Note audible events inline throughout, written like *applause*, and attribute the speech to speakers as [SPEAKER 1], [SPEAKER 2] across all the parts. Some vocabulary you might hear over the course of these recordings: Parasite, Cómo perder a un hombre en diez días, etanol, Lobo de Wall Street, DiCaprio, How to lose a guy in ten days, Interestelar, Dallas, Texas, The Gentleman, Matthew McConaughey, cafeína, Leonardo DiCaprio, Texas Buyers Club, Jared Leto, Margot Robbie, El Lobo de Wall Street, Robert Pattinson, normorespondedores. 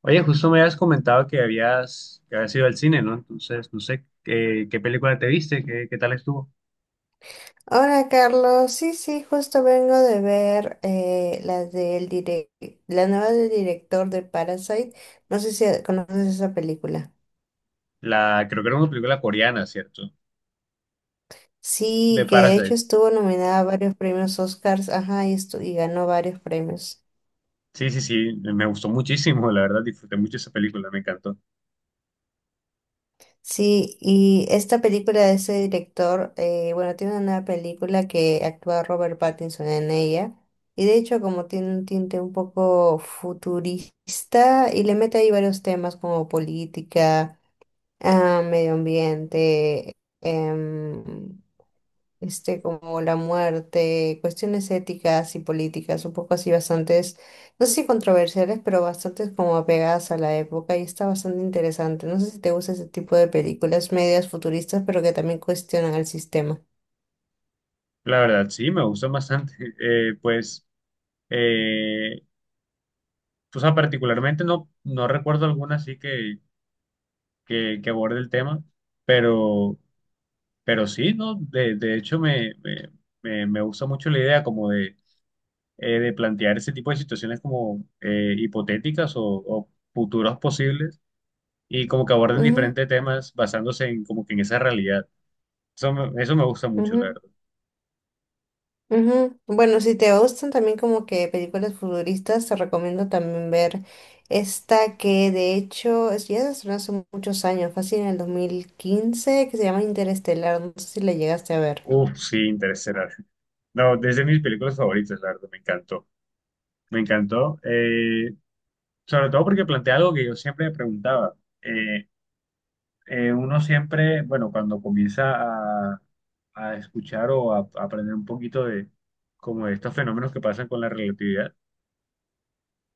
[SPEAKER 1] Oye, justo me habías comentado que habías ido al cine, ¿no? Entonces, no sé qué película te viste, qué tal estuvo.
[SPEAKER 2] Hola Carlos, sí, sí, justo vengo de ver la nueva del director de Parasite. No sé si conoces esa película.
[SPEAKER 1] La, creo que era una película coreana, ¿cierto? De
[SPEAKER 2] Sí, que de hecho
[SPEAKER 1] Parasite.
[SPEAKER 2] estuvo nominada a varios premios Oscars, ajá, y ganó varios premios.
[SPEAKER 1] Sí, sí, sí, me gustó muchísimo, la verdad, disfruté mucho esa película, me encantó.
[SPEAKER 2] Sí, y esta película de ese director, bueno, tiene una nueva película que actúa Robert Pattinson en ella. Y de hecho, como tiene un tinte un poco futurista, y le mete ahí varios temas como política, medio ambiente, este, como la muerte, cuestiones éticas y políticas, un poco así bastantes, no sé si controversiales, pero bastantes como apegadas a la época y está bastante interesante. No sé si te gusta ese tipo de películas medias futuristas, pero que también cuestionan el sistema.
[SPEAKER 1] La verdad, sí, me gustó bastante. *laughs* Eh, pues, eh, o sea, particularmente no recuerdo alguna así que aborde el tema, pero, pero sí, ¿no? De hecho, me gusta mucho la idea como de plantear ese tipo de situaciones como hipotéticas o futuros posibles y como que aborden
[SPEAKER 2] Ujú,
[SPEAKER 1] diferentes temas basándose en como que en esa realidad. Eso me gusta mucho, la
[SPEAKER 2] ujú.
[SPEAKER 1] verdad.
[SPEAKER 2] Ujú. Bueno, si te gustan también como que películas futuristas, te recomiendo también ver esta que de hecho es, ya se estrenó hace muchos años, fácil en el 2015 que se llama Interestelar, no sé si la llegaste a ver.
[SPEAKER 1] Uf, sí, Interestelar. No, desde mis películas favoritas, la verdad, me encantó. Me encantó, sobre todo porque plantea algo que yo siempre me preguntaba. Eh, Uno siempre, bueno, cuando comienza a, a escuchar o a aprender un poquito de como de estos fenómenos que pasan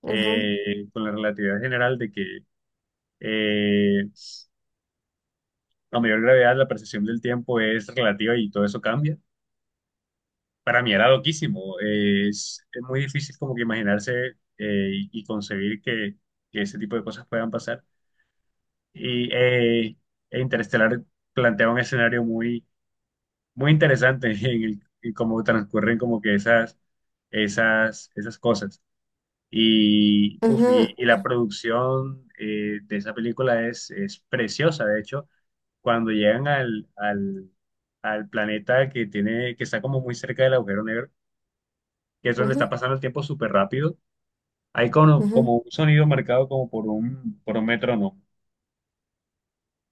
[SPEAKER 2] Ajá,
[SPEAKER 1] con la relatividad general de que eh, a mayor gravedad la percepción del tiempo es relativa y todo eso cambia. Para mí era loquísimo. Es muy difícil como que imaginarse y concebir que ese tipo de cosas puedan pasar. Y eh, e Interestelar plantea un escenario muy interesante *laughs* en en cómo transcurren como que esas cosas.
[SPEAKER 2] ajá,
[SPEAKER 1] Y la producción de esa película es preciosa. De hecho, cuando llegan al planeta que tiene, que está como muy cerca del agujero negro, que eso le está
[SPEAKER 2] ajá,
[SPEAKER 1] pasando el tiempo súper rápido, hay
[SPEAKER 2] ajá.
[SPEAKER 1] como un sonido marcado como por por un metrónomo.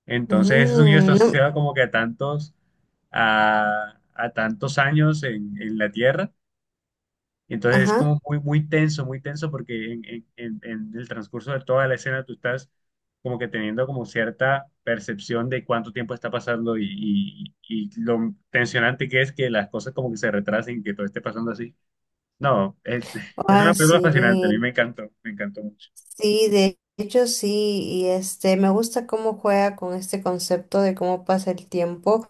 [SPEAKER 1] Entonces ese sonido está
[SPEAKER 2] Mm, no,
[SPEAKER 1] asociado como que a a tantos años en la Tierra. Y entonces es
[SPEAKER 2] ajá.
[SPEAKER 1] como muy tenso porque en el transcurso de toda la escena tú estás como que teniendo como cierta percepción de cuánto tiempo está pasando y lo tensionante que es que las cosas como que se retrasen y que todo esté pasando así. No, es, *laughs* es
[SPEAKER 2] Ah,
[SPEAKER 1] una película fascinante, a mí
[SPEAKER 2] sí.
[SPEAKER 1] me encantó mucho.
[SPEAKER 2] Sí, de hecho sí. Y este, me gusta cómo juega con este concepto de cómo pasa el tiempo,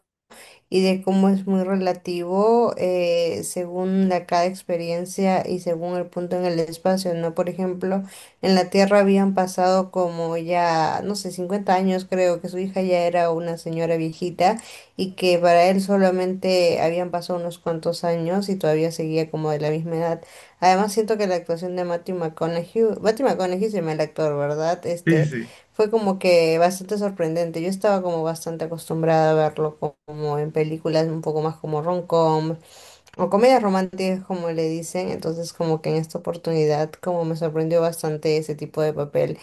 [SPEAKER 2] y de cómo es muy relativo, según la cada experiencia y según el punto en el espacio, ¿no? Por ejemplo, en la Tierra habían pasado como ya, no sé, 50 años, creo que su hija ya era una señora viejita y que para él solamente habían pasado unos cuantos años y todavía seguía como de la misma edad. Además siento que la actuación de Matthew McConaughey, Matthew McConaughey se llama el actor, ¿verdad?
[SPEAKER 1] Sí, sí,
[SPEAKER 2] Este,
[SPEAKER 1] sí.
[SPEAKER 2] fue como que bastante sorprendente. Yo estaba como bastante acostumbrada a verlo como en películas un poco más como rom-com o comedias románticas como le dicen. Entonces como que en esta oportunidad como me sorprendió bastante ese tipo de papel.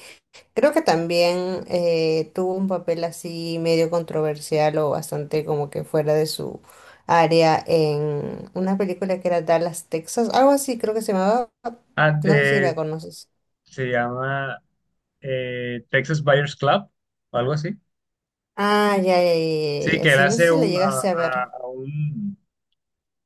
[SPEAKER 2] Creo que también tuvo un papel así medio controversial o bastante como que fuera de su área en una película que era Dallas, Texas. Algo así creo que se llamaba.
[SPEAKER 1] Ah,
[SPEAKER 2] No sé si
[SPEAKER 1] eh,
[SPEAKER 2] la conoces.
[SPEAKER 1] se llama Texas Buyers Club o algo así.
[SPEAKER 2] Ah, ya, ya, ya, ya,
[SPEAKER 1] Sí,
[SPEAKER 2] ya,
[SPEAKER 1] que él
[SPEAKER 2] sí, no sé
[SPEAKER 1] hace
[SPEAKER 2] si la llegaste a ver.
[SPEAKER 1] a un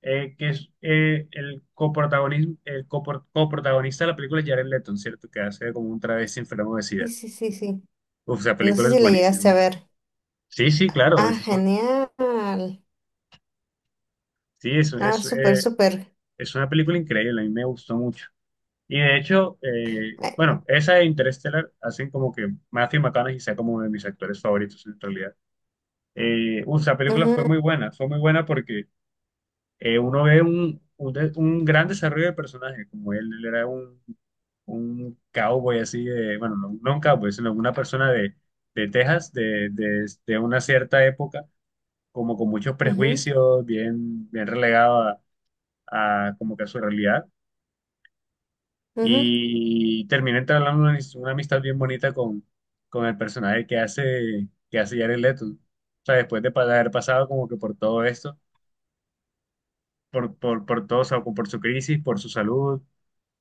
[SPEAKER 1] que es el coprotagonista de la película es Jared Leto, ¿cierto? Que hace como un travesti enfermo de
[SPEAKER 2] Sí,
[SPEAKER 1] SIDA.
[SPEAKER 2] sí, sí, sí.
[SPEAKER 1] Uf, esa
[SPEAKER 2] No
[SPEAKER 1] película
[SPEAKER 2] sé
[SPEAKER 1] es
[SPEAKER 2] si la llegaste a
[SPEAKER 1] buenísima.
[SPEAKER 2] ver.
[SPEAKER 1] Sí, sí, claro,
[SPEAKER 2] Ah,
[SPEAKER 1] es un-
[SPEAKER 2] genial.
[SPEAKER 1] sí,
[SPEAKER 2] Ah, súper, súper.
[SPEAKER 1] es una película increíble, a mí me gustó mucho. Y de hecho,
[SPEAKER 2] Ay,
[SPEAKER 1] esa de Interstellar hacen como que Matthew McConaughey sea como uno de mis actores favoritos en realidad. Esa película
[SPEAKER 2] ujú,
[SPEAKER 1] fue muy buena porque uno ve un gran desarrollo de personaje, como él era un cowboy así, de, bueno, no un cowboy, sino una persona de Texas, de una cierta época, como con muchos
[SPEAKER 2] ujú,
[SPEAKER 1] prejuicios, bien relegado a como que a su realidad,
[SPEAKER 2] ujú,
[SPEAKER 1] y termina entablando una amistad bien bonita con el personaje que que hace Jared Leto. O sea, después de haber pasado como que por todo esto, por todo, o sea, por su crisis, por su salud,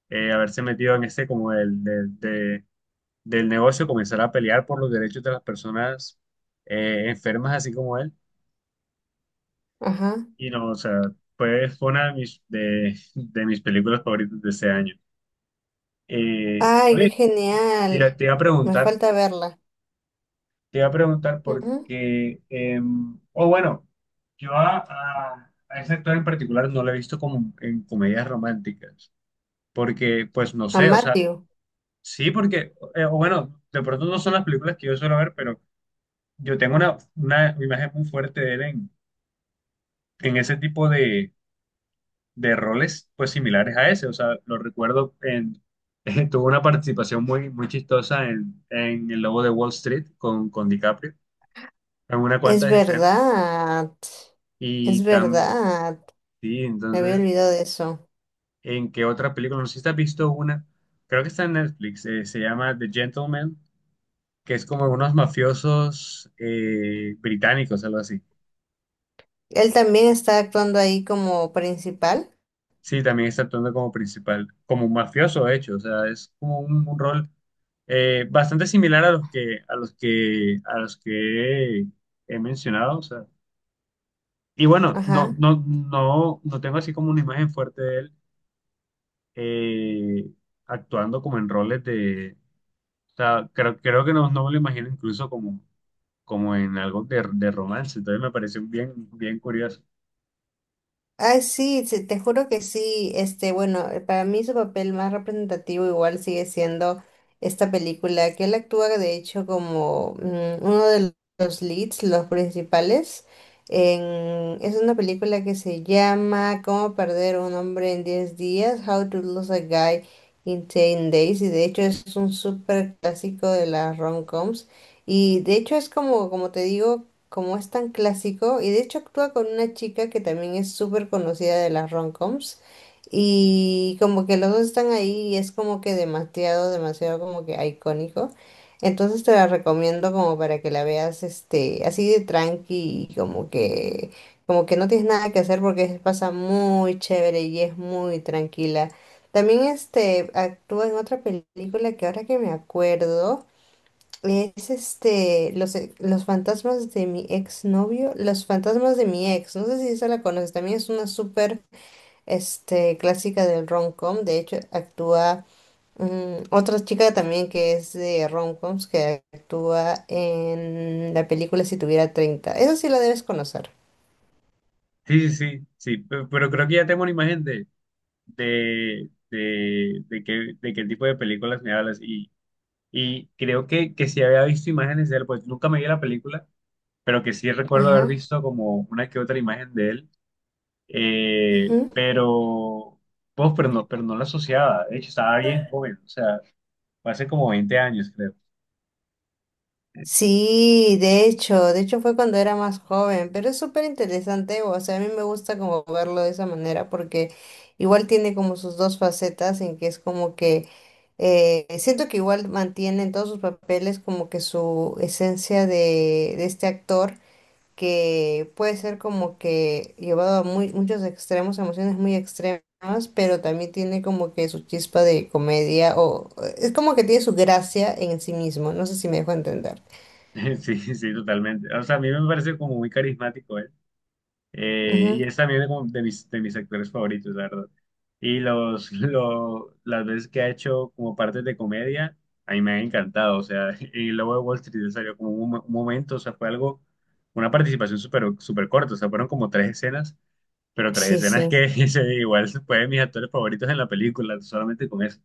[SPEAKER 1] haberse metido en este como del negocio, comenzar a pelear por los derechos de las personas enfermas, así como él.
[SPEAKER 2] ajá.
[SPEAKER 1] Y no, o sea, fue una de de mis películas favoritas de ese año.
[SPEAKER 2] Ay, qué
[SPEAKER 1] Oye,
[SPEAKER 2] genial.
[SPEAKER 1] te iba a
[SPEAKER 2] Me
[SPEAKER 1] preguntar,
[SPEAKER 2] falta verla.
[SPEAKER 1] te iba a preguntar
[SPEAKER 2] Ujú.
[SPEAKER 1] porque, yo a ese actor en particular no lo he visto como en comedias románticas, porque pues no
[SPEAKER 2] A
[SPEAKER 1] sé, o sea,
[SPEAKER 2] Matthew.
[SPEAKER 1] Sí, porque, de pronto no son las películas que yo suelo ver, pero yo tengo una imagen muy fuerte de él en ese tipo de roles, pues similares a ese. O sea, lo recuerdo en, *laughs* tuvo una participación muy chistosa en El Lobo de Wall Street con DiCaprio, en una
[SPEAKER 2] Es
[SPEAKER 1] cuantas escenas.
[SPEAKER 2] verdad. Es
[SPEAKER 1] Y tan,
[SPEAKER 2] verdad.
[SPEAKER 1] sí,
[SPEAKER 2] Me había
[SPEAKER 1] entonces,
[SPEAKER 2] olvidado de eso.
[SPEAKER 1] ¿En qué otra película? No sé si te has visto una, creo que está en Netflix, se llama The Gentleman, que es como unos mafiosos británicos, algo así.
[SPEAKER 2] Él también está actuando ahí como principal.
[SPEAKER 1] Sí, también está actuando como principal, como un mafioso, de hecho. O sea, es como un rol bastante similar a a los que he mencionado. O sea. Y bueno,
[SPEAKER 2] Ajá.
[SPEAKER 1] no tengo así como una imagen fuerte de él eh, actuando como en roles de. O sea, creo que no, no me lo imagino incluso como, como en algo de romance. Entonces me pareció bien curioso.
[SPEAKER 2] Ay, sí, sí, te juro que sí. Este, bueno, para mí su papel más representativo igual sigue siendo esta película, que él actúa de hecho como uno de los leads, los principales. Es una película que se llama Cómo perder a un hombre en 10 días, How to lose a guy in ten days, y de hecho es un súper clásico de las rom-coms. Y de hecho es como, como te digo, como es tan clásico, y de hecho actúa con una chica que también es súper conocida de las rom-coms, y como que los dos están ahí y es como que demasiado, demasiado como que icónico. Entonces te la recomiendo como para que la veas este, así de tranqui y como que no tienes nada que hacer porque se pasa muy chévere y es muy tranquila. También este actúa en otra película que ahora que me acuerdo. Es este, los fantasmas de mi exnovio, los fantasmas de mi ex, no sé si esa la conoces, también es una súper este, clásica del rom-com, de hecho actúa otra chica también que es de rom-coms que actúa en la película Si tuviera 30, esa sí la debes conocer.
[SPEAKER 1] Pero creo que ya tengo una imagen de, de qué tipo de películas me hablas. Y creo que sí había visto imágenes de él, pues nunca me vi la película, pero que sí recuerdo haber
[SPEAKER 2] Ajá.
[SPEAKER 1] visto como una que otra imagen de él. Eh, pero, pero no la asociaba. De hecho, estaba bien joven, o sea, fue hace como 20 años, creo.
[SPEAKER 2] Sí, de hecho fue cuando era más joven, pero es súper interesante, o sea, a mí me gusta como verlo de esa manera porque igual tiene como sus dos facetas en que es como que siento que igual mantiene en todos sus papeles como que su esencia de este actor, que puede ser como que llevado a muy, muchos extremos, emociones muy extremas, pero también tiene como que su chispa de comedia o es como que tiene su gracia en sí mismo, no sé si me dejo entender.
[SPEAKER 1] *laughs* Sí, sí, totalmente. O sea, a mí me parece como muy carismático. Y es también de mis actores favoritos, la verdad. *laughs* Las veces que ha hecho como partes de comedia, a mí me ha encantado. O sea, *laughs* y luego de Wall Street salió como un momento, o sea, fue algo, una participación súper súper corta. O sea, fueron como 3 escenas, pero tres
[SPEAKER 2] Sí,
[SPEAKER 1] escenas
[SPEAKER 2] sí,
[SPEAKER 1] que *laughs* igual fue de mis actores favoritos en la película, solamente con eso.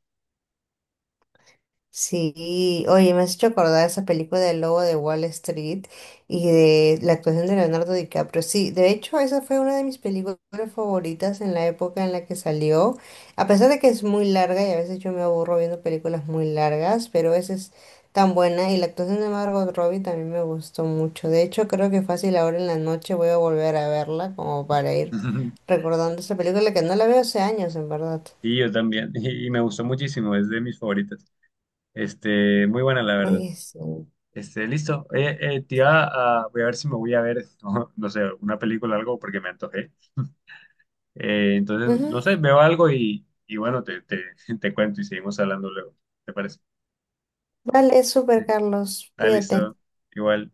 [SPEAKER 2] sí. Oye, me has hecho acordar esa película del Lobo de Wall Street y de la actuación de Leonardo DiCaprio. Sí, de hecho, esa fue una de mis películas favoritas en la época en la que salió. A pesar de que es muy larga y a veces yo me aburro viendo películas muy largas, pero esa es tan buena y la actuación de Margot Robbie también me gustó mucho. De hecho, creo que fácil ahora en la noche voy a volver a verla como para ir
[SPEAKER 1] *laughs*
[SPEAKER 2] recordando esa película que no la veo hace años, en verdad.
[SPEAKER 1] Y yo también, y me gustó muchísimo, es de mis favoritas. Este, muy buena, la verdad.
[SPEAKER 2] Oye, sí.
[SPEAKER 1] Este, listo. Voy a ver si me voy a ver, *laughs* no, no sé, una película o algo porque me antojé. Entonces, no
[SPEAKER 2] Ujú.
[SPEAKER 1] sé, veo algo y bueno, *laughs* te cuento y seguimos hablando luego. ¿Te parece?
[SPEAKER 2] Vale, súper,
[SPEAKER 1] *laughs*
[SPEAKER 2] Carlos.
[SPEAKER 1] Ah,
[SPEAKER 2] Cuídate.
[SPEAKER 1] listo. Igual.